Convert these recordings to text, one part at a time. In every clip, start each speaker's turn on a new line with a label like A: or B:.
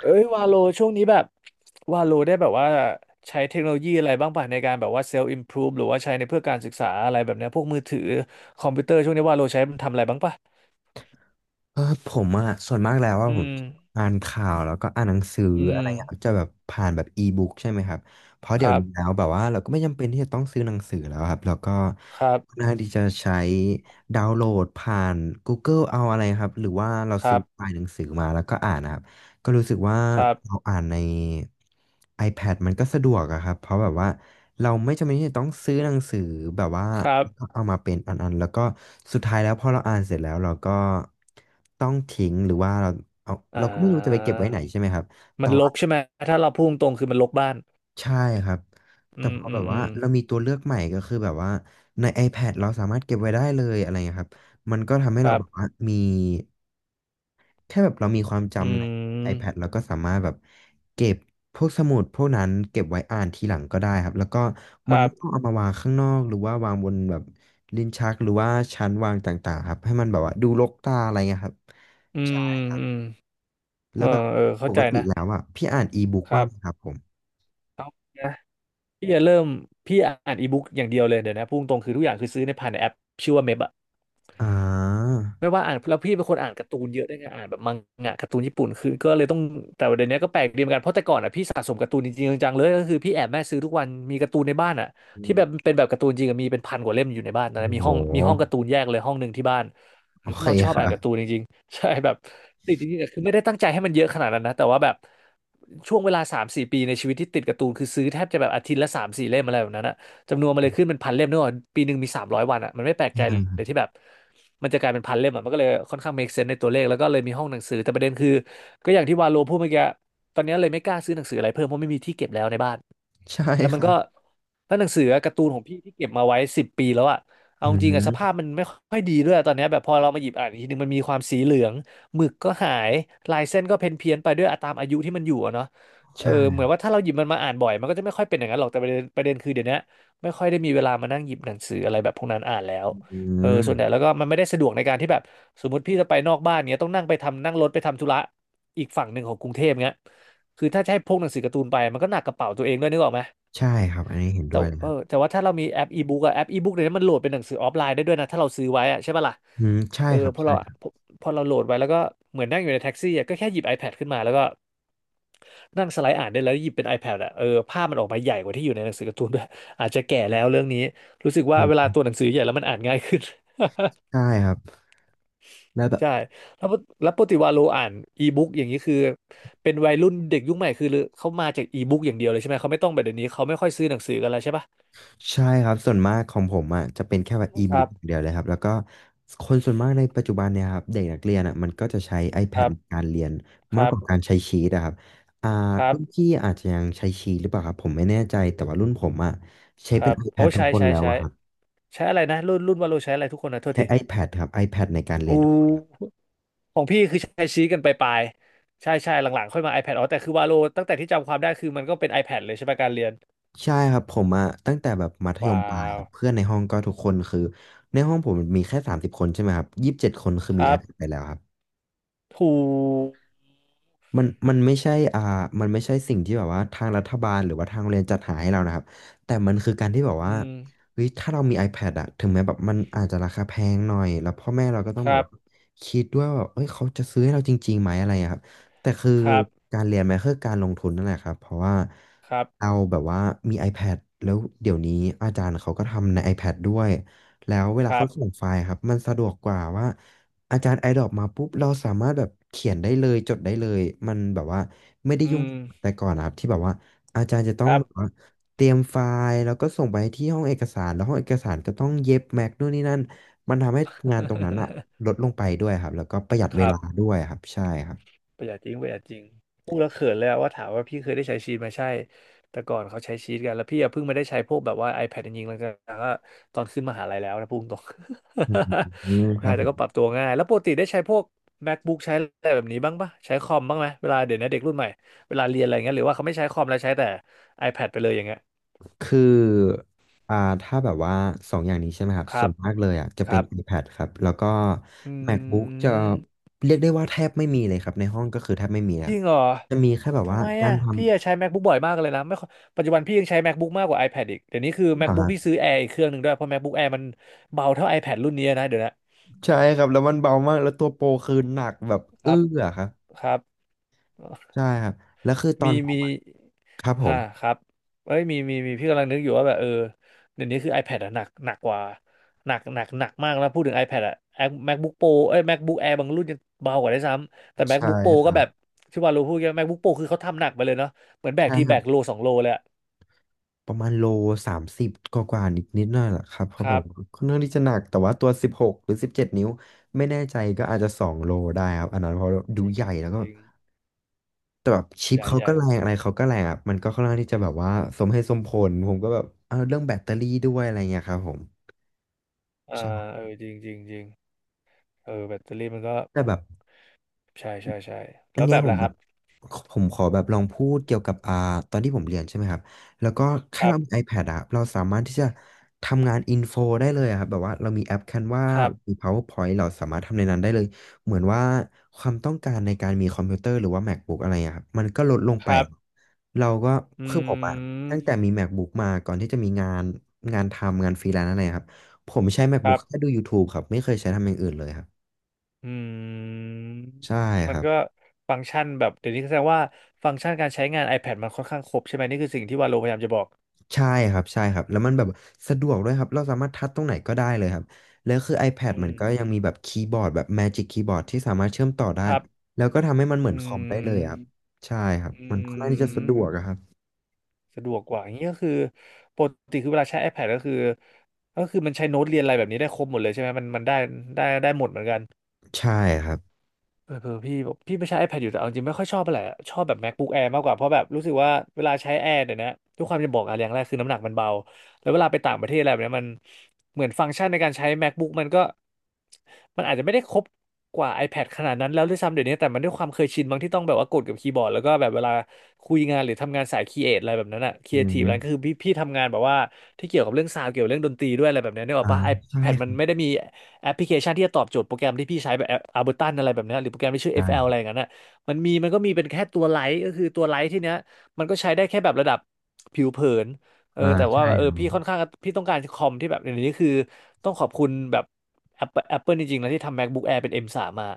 A: เอ้ยวาโลช่วงนี้แบบวาโลได้แบบว่าใช้เทคโนโลยีอะไรบ้างป่ะในการแบบว่าเซลล์อิมพรูฟหรือว่าใช้ในเพื่อการศึกษาอะไรแบบเนี้ยพวกมือถือคอมพิวเตอร์ช่วงนี้วาโลใช้ทำอะไรบ้างป่ะ
B: ผมอะส่วนมากแล้วว่า
A: อื
B: ผม
A: ม
B: อ่านข่าวแล้วก็อ่านหนังสือ
A: อื
B: อะ
A: ม
B: ไรอย่างเงี้ยจะแบบผ่านแบบอีบุ๊กใช่ไหมครับเพราะ
A: ค
B: เดี๋ยว
A: รั
B: นี้แล้
A: บ
B: วแบบว่าเราก็ไม่จำเป็นที่จะต้องซื้อหนังสือแล้วครับแล้วก็
A: ครับ
B: น่าที่จะใช้ดาวน์โหลดผ่าน Google เอาอะไรครับหรือว่าเรา
A: ค
B: ซื้
A: รั
B: อ
A: บ
B: ไฟล์หนังสือมาแล้วก็อ่านนะครับก็รู้สึกว่า
A: ครับ
B: เราอ่านใน iPad มันก็สะดวกอะครับเพราะแบบว่าเราไม่จำเป็นที่จะต้องซื้อหนังสือแบบว่า
A: ครับ
B: ก็เอามาเป็นอันๆแล้วก็สุดท้ายแล้วพอเราอ่านเสร็จแล้วเราก็ต้องทิ้งหรือว่าเราเอา
A: อ่
B: เราก็ไม่รู้จะไปเก็
A: า
B: บไว้ไหนใช่ไหมครับ
A: มั
B: แต่
A: นร
B: ว่า
A: กใช่ไหมถ้าเราพูดตรงคือมันรกบ้าน
B: ใช่ครับ
A: อื
B: แต่พ
A: ม
B: อ
A: อื
B: แบ
A: ม
B: บ
A: อื
B: ว่า
A: ม
B: เรามีตัวเลือกใหม่ก็คือแบบว่าใน iPad เราสามารถเก็บไว้ได้เลยอะไรเงี้ยครับมันก็ทำให้
A: ค
B: เรา
A: รับ
B: แบบว่ามี แค่แบบเรามีความ
A: อื
B: จำใน iPad
A: ม
B: แล้วก็สามารถแบบเก็บพวกสมุดพวกนั้นเก็บไว้อ่านทีหลังก็ได้ครับแล้วก็
A: ค
B: มัน
A: รั
B: ไม่ต้อง
A: บ
B: เอามาวางข้างนอกหรือว่าวางบนแบบลิ้นชักหรือว่าชั้นวางต่างๆครับให้มันแบบว่าดูรกตาอะไรเงี้ยครับ
A: อื
B: ใช่ค
A: ม
B: รับ
A: อืมเอ
B: แล้
A: อ
B: วแบบ
A: เออ
B: ป
A: เข้าใจ
B: กติ
A: นะ
B: แล้วอ่ะพี่อ่านอีบุ๊ก
A: ค
B: บ้า
A: รั
B: ง
A: บ
B: ไหมครับผม
A: พี่จะเริ่มพี่อ่านอีบุ๊กอย่างเดียวเลยเดี๋ยวนะพุ่งตรงคือทุกอย่างคือซื้อในผ่านในแอปชื่อว่าเมบอะ
B: อ่า
A: ไม่ว่าอ่านแล้วพี่เป็นคนอ่านการ์ตูนเยอะด้วยไงอ่านแบบมังงะการ์ตูนญี่ปุ่นคือก็เลยต้องแต่เดี๋ยวนี้ก็แปลกดีเหมือนกันเพราะแต่ก่อนอ่ะพี่สะสมการ์ตูนจริงๆจังๆเลยก็คือพี่แอบแม่ซื้อทุกวันมีการ์ตูนในบ้านอ่ะ
B: อื
A: ที่
B: ม
A: แบบเป็นแบบการ์ตูนจริงอะมีเป็นพันกว่าเล่มอยู่ในบ้านนะ
B: โอ้
A: มี
B: โห
A: ห้องมีห้องการ์ตูนแยกเลยห้องหนึ่งที่บ้านห
B: โอ
A: รือเพ
B: เค
A: ราะเราชอบ
B: ค
A: อ่า
B: รั
A: น
B: บ
A: การ์ตูนจริงๆ ใช่แบบติดจริงๆอะคือไม่ได้ตั้งใจให้มันเยอะขนาดนั้นนะแต่ว่าแบบช่วงเวลาสามสี่ปีในชีวิตที่ติดการ์ตูนคือซื้อแทบจะแบบอาทิตย์ละสามสี่เล่มอะไรแบบนั้นอะ จำนวนมันเลยขึ้นเป็นพันเล่มเนอะปีหนึ่งมี300 วันอ่ะมันไม่แปลก ใจ
B: อ่า
A: เลยที่แบบมันจะกลายเป็นพันเล่มอ่ะมันก็เลยค่อนข้าง make sense ในตัวเลขแล้วก็เลยมีห้องหนังสือ แต่ประเด็นคือก็อย่างที่วาโลพูดเมื่อกี้ตอนนี้เลยไม่กล้าซื้อหนังสืออะไรเพิ่มเพราะไม่มีที่เก็บแล้วในบ้าน
B: ใช่
A: แล้ว
B: ค
A: มัน
B: รั
A: ก็
B: บ
A: แล้วหนังสือการ์ตูนของพี่ที่เก็บมาไว้10 ปีแล้วอะ
B: อื
A: เอาจริงอะส
B: ม
A: ภาพมันไม่ค่อยดีด้วยตอนเนี้ยแบบพอเรามาหยิบอ่านอีกทีนึงมันมีความสีเหลืองหมึกก็หายลายเส้นก็เพี้ยนเพี้ยนไปด้วยตามอายุที่มันอยู่อะเนาะเออเหมือ
B: ใช่
A: นว่าถ้าเราหยิบมันมาอ่านบ่อยมันก็จะไม่ค่อยเป็นอย่างนั้นหรอกแต่ประเด็นคือเดี๋ยวนี้ไม่ค่อยได้มีเวลามานั่งหยิบหนังสืออะไรแบบพวกนั้นอ่านแล้ว
B: อื
A: เออส่วนใหญ่
B: ม
A: แล้วก็มันไม่ได้สะดวกในการที่แบบสมมติพี่จะไปนอกบ้านเนี้ยต้องนั่งไปทำนั่งรถไปทำธุระอีกฝั่งหนึ่งของกรุงเทพเงี้ยคือถ้าจะให้พกหนังสือการ์ตูนไปมันก็หนักกระเป๋าตัวเองด้วยนึกออกไหม
B: ใช่ครับอันนี้เห็น
A: แต่
B: ด้วยเลย
A: เอ
B: ค
A: อ
B: รับ
A: แต่ว่าถ้าเรามีแอปอีบุ๊กอะแอปอีบุ๊กเนี่ยวนี้มันโหลดเป็นหนังสือออฟไลน์ได้ด้วยนะถ้าเราซื้อไว้อะใช่ปะล่ะ
B: อืมใช่
A: เออ
B: ครับใช่ครั
A: พอพอเราโหลดไว้แล้วก็เหมือนนั่งอยู่ในแท็กซี่อะก็แค่หยิบ iPad ขึ้นมาแล้วก็นั่งสไลด์อ่านได้แล้วหยิบเป็น iPad อะเออภาพมันออกมาใหญ่กว่าที่อยู่ในหนังสือการ์ตูนด้วย อาจจะแก่แล้วเรื่องนี้รู้สึกว่าเวลา
B: บ
A: ตัวหนังสือใหญ่แล้วมันอ่านง่ายขึ้น
B: ใช่ครับ แล้วแบบ
A: ใช่แล้วปกติวาโลอ่านอีบุ๊กอย่างนี้คือเป็นวัยรุ่นเด็กยุคใหม่คือเขามาจากอีบุ๊กอย่างเดียวเลยใช่ไหมเขาไม่ต้องแบบเดี๋ยวนี้เขาไม่ค่อยซื้อหนังสือกันแล้วใช่ปะ
B: ใช่ครับส่วนมากของผมอ่ะจะเป็นแค่แบบอี
A: ค
B: บุ๊
A: รั
B: ก
A: บ
B: เดียวเลยครับแล้วก็คนส่วนมากในปัจจุบันเนี่ยครับเด็กนักเรียนอ่ะมันก็จะใช้
A: ค
B: iPad
A: รั
B: ใน
A: บ
B: การเรียน
A: ค
B: มาก
A: รั
B: ก
A: บ
B: ว่าการใช้ชีตอะครับอ่า
A: ครับ
B: รุ่นพี่อาจจะยังใช้ชีตหรือเปล่าครับผมไม่แน่ใจแต่ว่ารุ่นผมอ่ะใช้
A: ค
B: เป็น
A: รับโอ้
B: iPad ทุก
A: ใช้
B: คน
A: ใช้
B: แล้ว
A: ใช้
B: อะครับ
A: ใช้อะไรนะรุ่นวาโลใช้อะไรทุกคนนะโทษ
B: ใช้
A: ที
B: iPad ครับ iPad ในการเรีย
A: อู
B: นทุกคนครับ
A: ของพี่คือใช้ชี้กันไปปลายๆใช่ใช่หลังๆค่อยมา iPad อ๋อแต่คือวาโลตั้งแต่ที่จำความได้คือมันก็เป็น iPad เลยใช่ไหมการเรียน
B: ใช่ครับผมอะตั้งแต่แบบมัธยม
A: ว้า
B: ปลายค
A: ว
B: รับเพื่อนในห้องก็ทุกคนคือในห้องผมมีแค่สามสิบคนใช่ไหมครับ27คนคือ
A: ค
B: มี
A: รับ
B: iPad ไปแล้วครับ
A: ถูก
B: มันไม่ใช่มันไม่ใช่สิ่งที่แบบว่าทางรัฐบาลหรือว่าทางโรงเรียนจัดหาให้เรานะครับแต่มันคือการที่แบบว่า
A: อืม
B: เฮ้ยถ้าเรามี iPad อะถึงแม้แบบมันอาจจะราคาแพงหน่อยแล้วพ่อแม่เราก็ต้อ
A: ค
B: งแบ
A: รั
B: บว่า
A: บ
B: คิดด้วยว่าแบบเอ้ยเขาจะซื้อให้เราจริงๆไหมอะไรอะครับแต่คือ
A: ครับ
B: การเรียนมันคือการลงทุนนั่นแหละครับเพราะว่า
A: ครับ
B: เราแบบว่ามี iPad แล้วเดี๋ยวนี้อาจารย์เขาก็ทำใน iPad ด้วยแล้วเว
A: ค
B: ลา
A: รั
B: เขา
A: บ
B: ส่งไฟล์ครับมันสะดวกกว่าว่า อาจารย์ไอดรอปมาปุ๊บเราสามารถแบบเขียนได้เลยจดได้เลยมันแบบว่าไม่ได้
A: อื
B: ยุ่ง
A: ม
B: แต่ก่อนนะครับที่แบบว่าอาจารย์จะต้
A: ค
B: อง
A: รับ
B: แบบว่าเตรียมไฟล์แล้วก็ส่งไปที่ห้องเอกสารแล้วห้องเอกสารก็ต้องเย็บแม็กนู่นนี่นั่นมันทำให้งานตรงนั้นอะล ดลงไปด้วยครับแล้วก็ประหยัด
A: ค
B: เว
A: รับ
B: ลาด้วยครับใช่ครับ
A: ประหยัดจริงประหยัดจริงพูดแล้วเขินเลยอะว่าถามว่าพี่เคยได้ใช้ชีทไหมใช่แต่ก่อนเขาใช้ชีทกันแล้วพี่อะเพิ่งมาได้ใช้พวกแบบว่า iPad จริงๆแล้วก็ตอนขึ้นมหาลัยแล้วนะพูดตรง
B: อืม ค
A: ใช่
B: รั
A: แต่ก็
B: บ
A: ปรับตัวง่ายแล้วปกติได้ใช้พวก MacBook ใช้อะไรแบบนี้บ้างปะใช้คอมบ้างไหมเวลาเดี๋ยวนี้เด็กรุ่นใหม่เวลาเรียนอะไรเงี้ยหรือว่าเขาไม่ใช้คอมแล้วใช้แต่ iPad ไปเลยอย่างเงี้ย
B: คืออ่าถ้าแบบว่าสองอย่างนี้ใช่ไหมครับ
A: ค
B: ส่
A: รั
B: ว
A: บ
B: นมากเลยอ่ะจะ
A: ค
B: เป็น
A: รับ
B: iPad ครับแล้วก็
A: อื
B: MacBook จะ
A: ม
B: เรียกได้ว่าแทบไม่มีเลยครับในห้องก็คือแทบไม่มีค
A: จ
B: รับ
A: ริงเหรอ
B: จะมีแค่แบบ
A: ทำ
B: ว่า
A: ไม
B: การ
A: อ่ะ
B: ท
A: พี่อะใช้ MacBook บ่อยมากเลยนะไม่ค่อยปัจจุบันพี่ยังใช้ MacBook มากกว่า iPad อีกเดี๋ยวนี้คือ
B: ำอ่าค
A: MacBook
B: รั
A: พี่
B: บ
A: ซื้อ Air อีกเครื่องหนึ่งด้วยเพราะ MacBook Air มันเบาเท่า iPad รุ่นนี้นะเดี๋ยวนะ
B: ใช่ครับแล้วมันเบามากแล้วตัวโปรคือหนักแบบ
A: ค
B: เอื้
A: รับ
B: อครับ
A: ครับ
B: ใช่ครับแล้วคือตอน
A: มี
B: ผม
A: มี
B: อะครับผ
A: ฮ่า
B: ม
A: ครับเอ้ยมีพี่กำลังนึกอยู่ว่าแบบเดี๋ยวนี้คือ iPad อะหนักหนักกว่าหนักหนักหนักมากแล้วพูดถึง iPad อะ MacBook Pro เอ้ย MacBook Air บางรุ่นยังเบากว่าได้วยซ้ำแต่
B: ใช่
A: MacBook Pro
B: ค
A: ก็
B: รั
A: แบบ
B: บ
A: ที่ว่าเราพูดกัน MacBook Pro คือเขาทำหนักไปเลยเนาะเหมือนแบก
B: ใช่
A: ที
B: ค
A: แบ
B: รับ
A: กโลสองโลเลยอะ
B: ประมาณโล30กว่านิดนิดหน่อยแหละครับเพ
A: ค
B: ราะแบ
A: รั
B: บ
A: บ
B: ค่อนข้างที่จะหนักแต่ว่าตัว16หรือสิบเจ็ดนิ้วไม่แน่ใจก็อาจจะ2 โลได้ครับอันนั้นเพราะดู
A: จริง
B: ใหญ่
A: จริ
B: แล้
A: ง
B: วก็
A: จริง
B: แต่แบบชิ
A: ให
B: ป
A: ญ่
B: เขา
A: ให
B: ก็
A: ญ่
B: แรงอะไรเขาก็แรงอ่ะมันก็ค่อนข้างที่จะแบบว่าสมเหตุสมผลผมก็แบบเอาเรื่องแบตเตอรี่ด้วยอะไรเงี้ยครับผม
A: อ่า
B: ใช่
A: เออจริงจริงจริงเออแบตเตอรี่มันก็
B: แต่แบบ
A: ใช่ใช่ใช่
B: อัน
A: แล้ว
B: เนี้
A: แบ
B: ย
A: บ
B: ผม
A: ล่ะค
B: แบ
A: รั
B: บ
A: บ
B: ผมขอแบบลองพูดเกี่ยวกับตอนที่ผมเรียนใช่ไหมครับแล้วก็
A: ค
B: แค่
A: รั
B: เรามี
A: บ
B: iPad อะเราสามารถที่จะทำงานอินโฟได้เลยอะครับแบบว่าเรามีแอป Canva
A: ครั
B: มี
A: บ
B: PowerPoint เราสามารถทำในนั้นได้เลยเหมือนว่าความต้องการในการมีคอมพิวเตอร์หรือว่า MacBook อะไรอะครับมันก็ลดลง
A: ค
B: ไป
A: รับ
B: เราก็
A: อื
B: คือผมอะตั้งแต่
A: ม
B: มี MacBook มาก่อนที่จะมีงานทำงานฟรีแลนซ์อะไรอะครับผมใช้
A: ครั
B: MacBook แค่ดู
A: บ
B: YouTube ครับไม่เคยใช้ทำอย่างอื่นเลยครับ
A: อืม
B: ใช่ค
A: มัน
B: รับ
A: ก็ฟังก์ชันแบบเดี๋ยวนี้แสดงว่าฟังก์ชันการใช้งาน iPad มันค่อนข้างครบใช่ไหมนี่คือสิ่งที่วาโลพยายามจะบอก
B: ใช่ใช่ครับแล้วมันแบบสะดวกด้วยครับเราสามารถทัชตรงไหนก็ได้เลยครับแล้วคือ iPad
A: อื
B: มัน
A: ม
B: ก็ยังมีแบบคีย์บอร์ดแบบ Magic Keyboard ที่สามารถเชื่อมต่อได้
A: ครับ
B: แล้วก็ทำให้มันเหมือ
A: อื
B: นคอมได้เล
A: ม
B: ยครับใช่ครับ
A: อื
B: มันค่อนข้างที่จะสะดวก
A: ม
B: อะครับ
A: สะดวกกว่าอย่างนี้ก็คือปกติคือเวลาใช้ iPad ก็คือมันใช้โน้ตเรียนอะไรแบบนี้ได้ครบหมดเลยใช่ไหมมันได้ได้ได้หมดเหมือนกัน
B: ใช่ครับ
A: เออเออพี่บอกพี่ไม่ใช้ iPad อยู่แต่เอาจริงไม่ค่อยชอบอะไหรอะชอบแบบ MacBook Air มากกว่าเพราะแบบรู้สึกว่าเวลาใช้ Air เดี๋ยวนี้ทุกความจะบอกอะไรอย่างแรกคือน้ำหนักมันเบาแล้วเวลาไปต่างประเทศอะไรแบบเนี้ยมันเหมือนฟังก์ชันในการใช้ MacBook มันก็มันอาจจะไม่ได้ครบกว่า iPad ขนาดนั้นแล้วด้วยซ้ำเดี๋ยวนี้แต่มันด้วยความเคยชินบางที่ต้องแบบว่ากดกับคีย์บอร์ดแล้วก็แบบเวลาคุยงานหรือทำงานสายครีเอทอะไรแบบนั้นอะครี
B: อื
A: เอทีฟอะไรก็คื
B: ม
A: อพี่ทำงานแบบว่าที่เกี่ยวกับเรื่องซาวด์เกี่ยวกับเรื่องดนตรีด้วยอะไรแบบเนี้ยนึกออ
B: อ่า
A: กปะ
B: ใช่
A: iPad
B: ค
A: มัน
B: รับ
A: ไม่ได้มี แอปพลิเคชันที่จะตอบโจทย์โปรแกรมที่พี่ใช้แบบอัลเบอร์ตันอะไรแบบเนี้ยหรือโปรแกรมที่ชื่อ
B: ใช่
A: FL
B: ค
A: อฟแอลอะ
B: รับ
A: ไรอย่างนั้นน่ะมันมีมันก็มีเป็นแค่ตัวไลท์ก็คือตัวไลท์ที่เนี้ยมันก็ใช้ได้แค่แบบระดับผิวเผินเออ
B: อ่า
A: แต่ว่า
B: ใช่ครับ
A: พี่ค่อนข้างพี่ต้องการคอมที่แบบอย่างนี้คือต้องขอบคุณแบบ Apple, Apple จริงๆนะที่ทำ MacBook Air เป็น M3 มทรีมา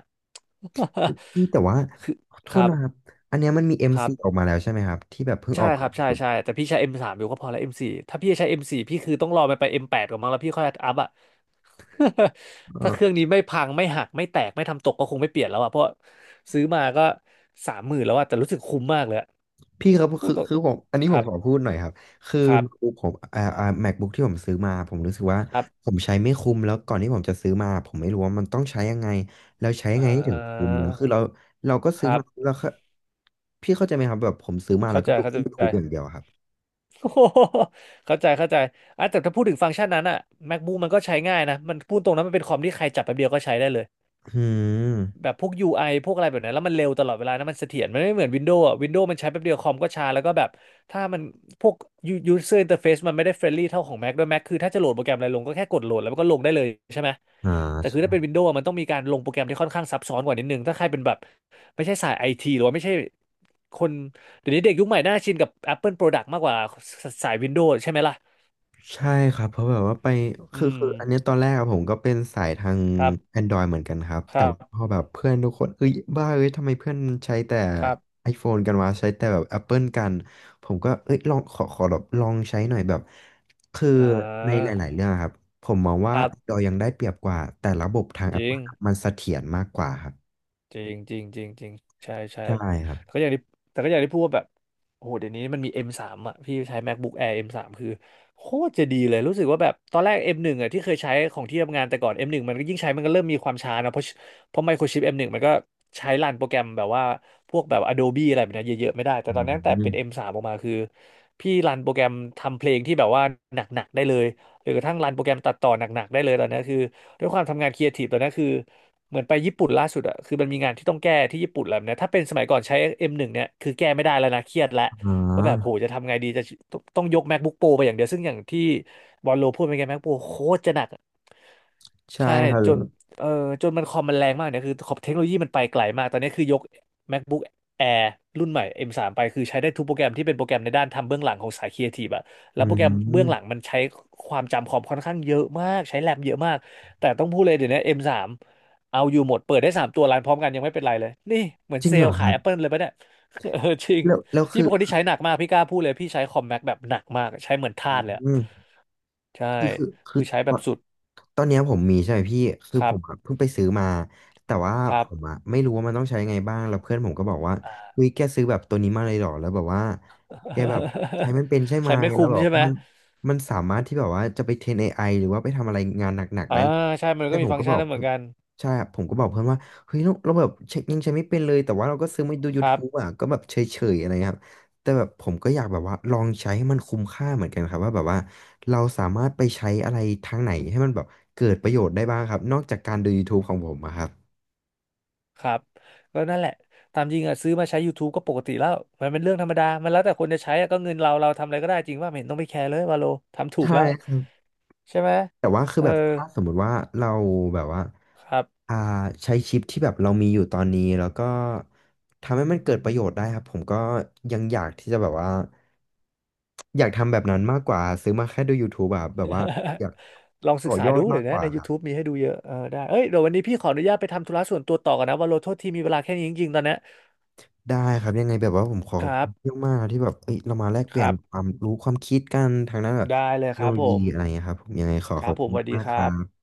B: พี่แต่ว่า
A: คือ
B: ขอโท
A: ค
B: ษ
A: รับ
B: นะครับอันเนี้ยมันมีเอ็ม
A: ครั
B: ซี
A: บ
B: ออกมาแล้วใช่ไหมครับที่แบบเพิ่ง
A: ใช่
B: ออก
A: ค
B: มา
A: รับ
B: ล่า
A: ใช่
B: สุด
A: ใช่แต่พี่ใช้ M3 อมสามอยู่ก็พอแล้ว M4 ถ้าพี่จะใช้ M4 พี่คือต้องรอมันไป M8 ก่อนมั้งแล้วพี่ค่อยอัพอ่ะ ถ้าเครื่องนี้ไม่พังไม่หักไม่แตกไม่ทำตกก็คงไม่เปลี่ยนแล้วอ่ะเพราะซื้อมาก็30,000แล้วอ่ะแต่รู้สึกคุ้มมากเลยอะ
B: พี่ครับ
A: พูด
B: คือ
A: ตรง
B: คือผมอันนี้
A: ค
B: ผ
A: รั
B: ม
A: บ
B: ขอพูดหน่อยครับคือ
A: ครับ
B: ผมMacBook ที่ผมซื้อมาผมรู้สึกว่า
A: ครับ
B: ผมใช้ไม่คุ้มแล้วก่อนที่ผมจะซื้อมาผมไม่รู้ว่ามันต้องใช้ยังไงแล้วใช้ยั
A: อ่
B: งไงให้ถึงคุ้ม
A: า
B: แล้วคือเราก็
A: ค
B: ซื้อ
A: รั
B: มา
A: บ
B: แล้วก็พี่เข้าใจไหมครับแบบผมซื้อมาแล้
A: เข้า
B: วก็
A: ใจ
B: ดู
A: เข้า
B: แค่
A: ใจ
B: YouTube อย่าง เดียวอะครับ
A: โอ้โหเข้าใจเข้าใจอ่ะแต่ถ้าพูดถึงฟังก์ชันนั้นอ่ะ MacBook มันก็ใช้ง่ายนะมันพูดตรงนั้นมันเป็นคอมที่ใครจับแป๊บเดียวก็ใช้ได้เลย
B: อืม
A: แบบพวก UI พวกอะไรแบบนั้นแล้วมันเร็วตลอดเวลานะมันเสถียรมันไม่เหมือน Windows อ่ะ Windows มันใช้แป๊บเดียวคอมก็ช้าแล้วก็แบบถ้ามันพวก user interface มันไม่ได้เฟรนลี่เท่าของ Mac ด้วย Mac คือถ้าจะโหลดโปรแกรมอะไรลงก็แค่กดโหลดแล้วมันก็ลงได้เลยใช่ไหม
B: อ่
A: แต่คือถ้าเป็
B: า
A: น Windows อะมันต้องมีการลงโปรแกรมที่ค่อนข้างซับซ้อนกว่านิดนึงถ้าใครเป็นแบบไม่ใช่สายไอทีหรือว่าไม่ใช่คนเดี๋ยวนี้เด็กยุคใหม่น่าชินกับ Apple Product มากกว่าสาย Windows ใช่ไหมล่ะ
B: ใช่ครับเพราะแบบว่าไป
A: อื
B: คืออันเนี้ย
A: ม
B: ตอนแรกอะผมก็เป็นสายทาง
A: ครับ
B: Android เหมือนกันครับ
A: ค
B: แต่
A: รั
B: ว่าพ
A: บ
B: อแบบเพื่อนทุกคนเอ้ยบ้าเอ้ยทำไมเพื่อนใช้แต่
A: ครับ
B: iPhone กันวะใช้แต่แบบ Apple กันผมก็เอ้ยลองขอแบบลองใช้หน่อยแบบคือ
A: อ่
B: ในหลาย
A: า
B: ๆเรื่องอะครับผมมอง
A: ค
B: ว่า
A: รับ
B: Android ยังได้เปรียบกว่าแต่ระบบทาง
A: จริง
B: Apple อะมันเสถียรมากกว่าครับ
A: จริงจริงจริงจริงใช่ใช่
B: ใช่ครับ
A: แต่ก็อย่างที่แต่ก็อย่างที่พูดว่าแบบโอ้โหเดี๋ยวนี้มันมี M3 อมสามอ่ะพี่ใช้ MacBook Air M3 คือโคตรจะดีเลยรู้สึกว่าแบบตอนแรก M1 อมหนึ่งอ่ะที่เคยใช้ของที่ทำงานแต่ก่อน M1 มหนึ่งมันก็ยิ่งใช้มันก็เริ่มมีความช้านะเพราะเพราะไมโครชิป M1 มหนึ่งมันก็ใช้รันโปรแกรมแบบว่าพวกแบบ Adobe อะไรแบบเนี้ยเยอะๆไม่ได้แต่
B: อื
A: ตอนนี้ตั้งแต่เป็น m ม
B: ม
A: สามออกมาคือพี่รันโปรแกรมทำเพลงที่แบบว่าหนักๆได้เลย หรือกระทั่งรันโปรแกรมตัดต่อหนักๆได้เลยตอนนี้คือด้วยความทำงานครีเอทีฟตอนนี้คือเหมือนไปญี่ปุ่นล่าสุดอะคือมันมีงานที่ต้องแก้ที่ญี่ปุ่นแล้วเนี่ยถ้าเป็นสมัยก่อนใช้ M1 เนี่ยคือแก้ไม่ได้แล้วนะเครียดแล้ว
B: อ๋อ
A: ว่าแบบโหจะทำไงดีจะต้องยก MacBook Pro ไปอย่างเดียวซึ่งอย่างที่บอลโลพูดไปไง MacBook Pro โคตรจะหนัก
B: ใช่
A: ใช่
B: ครับ
A: จ
B: แล้ว
A: นเออจนมันคอมมันแรงมากเนี่ยคือขอบเทคโนโลยีมันไปไกลมากตอนนี้คือยก MacBook Air รุ่นใหม่ M3 ไปคือใช้ได้ทุกโปรแกรมที่เป็นโปรแกรมในด้านทำเบื้องหลังของสายครีเอทีฟอะแล้
B: อื
A: วโปรแกรมเบื้อง
B: ม
A: หลังมันใช้ความจำคอมค่อนข้างเยอะมากใช้แรมเยอะมากแต่ต้องพูดเลยเดี๋ยวนี้ M3 เอาอยู่หมดเปิดได้สามตัวรันพร้อมกันยังไม่เป็นไรเลยนี่เหมือน
B: จริ
A: เซ
B: ง
A: ล
B: เหรอ
A: ล์
B: ค
A: ขาย
B: รับ
A: Apple เลยปะเนี่ย เออจริง
B: แล้ว
A: พี่
B: คื
A: เป็
B: อ
A: นคนที่ใช้หนักมากพี่กล้าพูดเลยพี่ใช้คอมแม็กแบบหนักมากใช้เหมือนทา
B: อื
A: สเลยอะ
B: ม
A: ใช่
B: คือ
A: คือใช้
B: ต
A: แบ
B: อ
A: บ
B: น
A: สุด
B: ตอนเนี้ยผมมีใช่ไหมพี่คือ
A: ค
B: ผ
A: รับ
B: มอะเพิ่งไปซื้อมาแต่ว่า
A: ค
B: ผ
A: รับ
B: มอะไม่รู้ว่ามันต้องใช้ไงบ้างแล้วเพื่อนผมก็บอกว่าเฮ้ยแกซื้อแบบตัวนี้มาเลยเหรอแล้วแบบว่าแกแบบใช้ มันเป็นใช่ไหม
A: ใช้ไม่
B: แล้ว
A: คุ้ม
B: แบบ
A: ใช่ไหม
B: มันสามารถที่แบบว่าจะไปเทรน AI หรือว่าไปทำอะไรงานหนักๆ
A: อ่า
B: ได้เลย
A: ใช่มัน
B: แต่
A: ก็
B: ผ
A: มี
B: ม
A: ฟัง
B: ก็
A: ก์
B: บ
A: ชั
B: อ
A: น
B: ก
A: นั้นเหมื
B: เพื่
A: อ
B: อ
A: น
B: น
A: กัน
B: ใช่ครับผมก็บอกเพื่อนว่าเฮ้ยเราแบบเช็คยังใช้ไม่เป็นเลยแต่ว่าเราก็ซื้อมาดู
A: ครับ
B: YouTube อะก็แบบเฉยๆอะไรเงี้ยครับ แต่แบบผมก็อยากแบบว่าลองใช้ให้มันคุ้มค่าเหมือนกันครับว่าแบบว่าเราสามารถไปใช้อะไรทางไหนให้มันแบบเกิดประโยชน์ได้บ้างครับนอกจากการดู YouTube ของผมอะครับ
A: ครับก็นั่นแหละตามจริงอ่ะซื้อมาใช้ YouTube ก็ปกติแล้วมันเป็นเรื่องธรรมดามันแล้วแต่คนจะใช้อะก็เงินเราเราทำอะไรก็ได้จริงว่าไม่เห็นต้องไปแคร์เลยวาโลทำถูก
B: ใช่
A: แล้ว
B: ครับ
A: ใช่ไหม
B: แต่ว่าคือ
A: เออ
B: แบบถ้าสมมุติว่าเราแบบว่า
A: ครับ
B: อ่าใช้ชิปที่แบบเรามีอยู่ตอนนี้แล้วก็ทำให้มันเกิดประโยชน์ได้ครับผมก็ยังอยากที่จะแบบว่าอยากทำแบบนั้นมากกว่าซื้อมาแค่ดู YouTube แบบแบบว่าอยาก
A: ลองศึ
B: ต่อ
A: กษา
B: ยอด
A: ดู
B: มา
A: เดี๋
B: ก
A: ยว
B: ก
A: นะ
B: ว่า
A: ใน
B: ครับ
A: YouTube มีให้ดูเยอะเออได้เอ้ยเดี๋ยววันนี้พี่ขออนุญาตไปทำธุระส่วนตัวต่อกันนะวาโลโทษทีมีเวลาแค่นี้จริงๆตอนเนี้ย
B: ได้ครับยังไงแบบว่าผมขอ
A: ค
B: บ
A: รั
B: คุ
A: บ
B: ณเยอะมากที่แบบเอ้ยเรามาแลกเป
A: ค
B: ลี่ยน
A: รับ
B: ความรู้ความคิดกันทางด้านแบบ
A: ได้เล
B: เท
A: ย
B: ค
A: ค
B: โน
A: รับ
B: โล
A: ผ
B: ยี
A: ม
B: อะไรเงี้ยครับผมยังไงขอ
A: ค
B: ข
A: รั
B: อ
A: บ
B: บ
A: ผ
B: คุ
A: ม
B: ณ
A: สวัสดี
B: มาก
A: ค
B: ๆค
A: รั
B: รั
A: บ
B: บ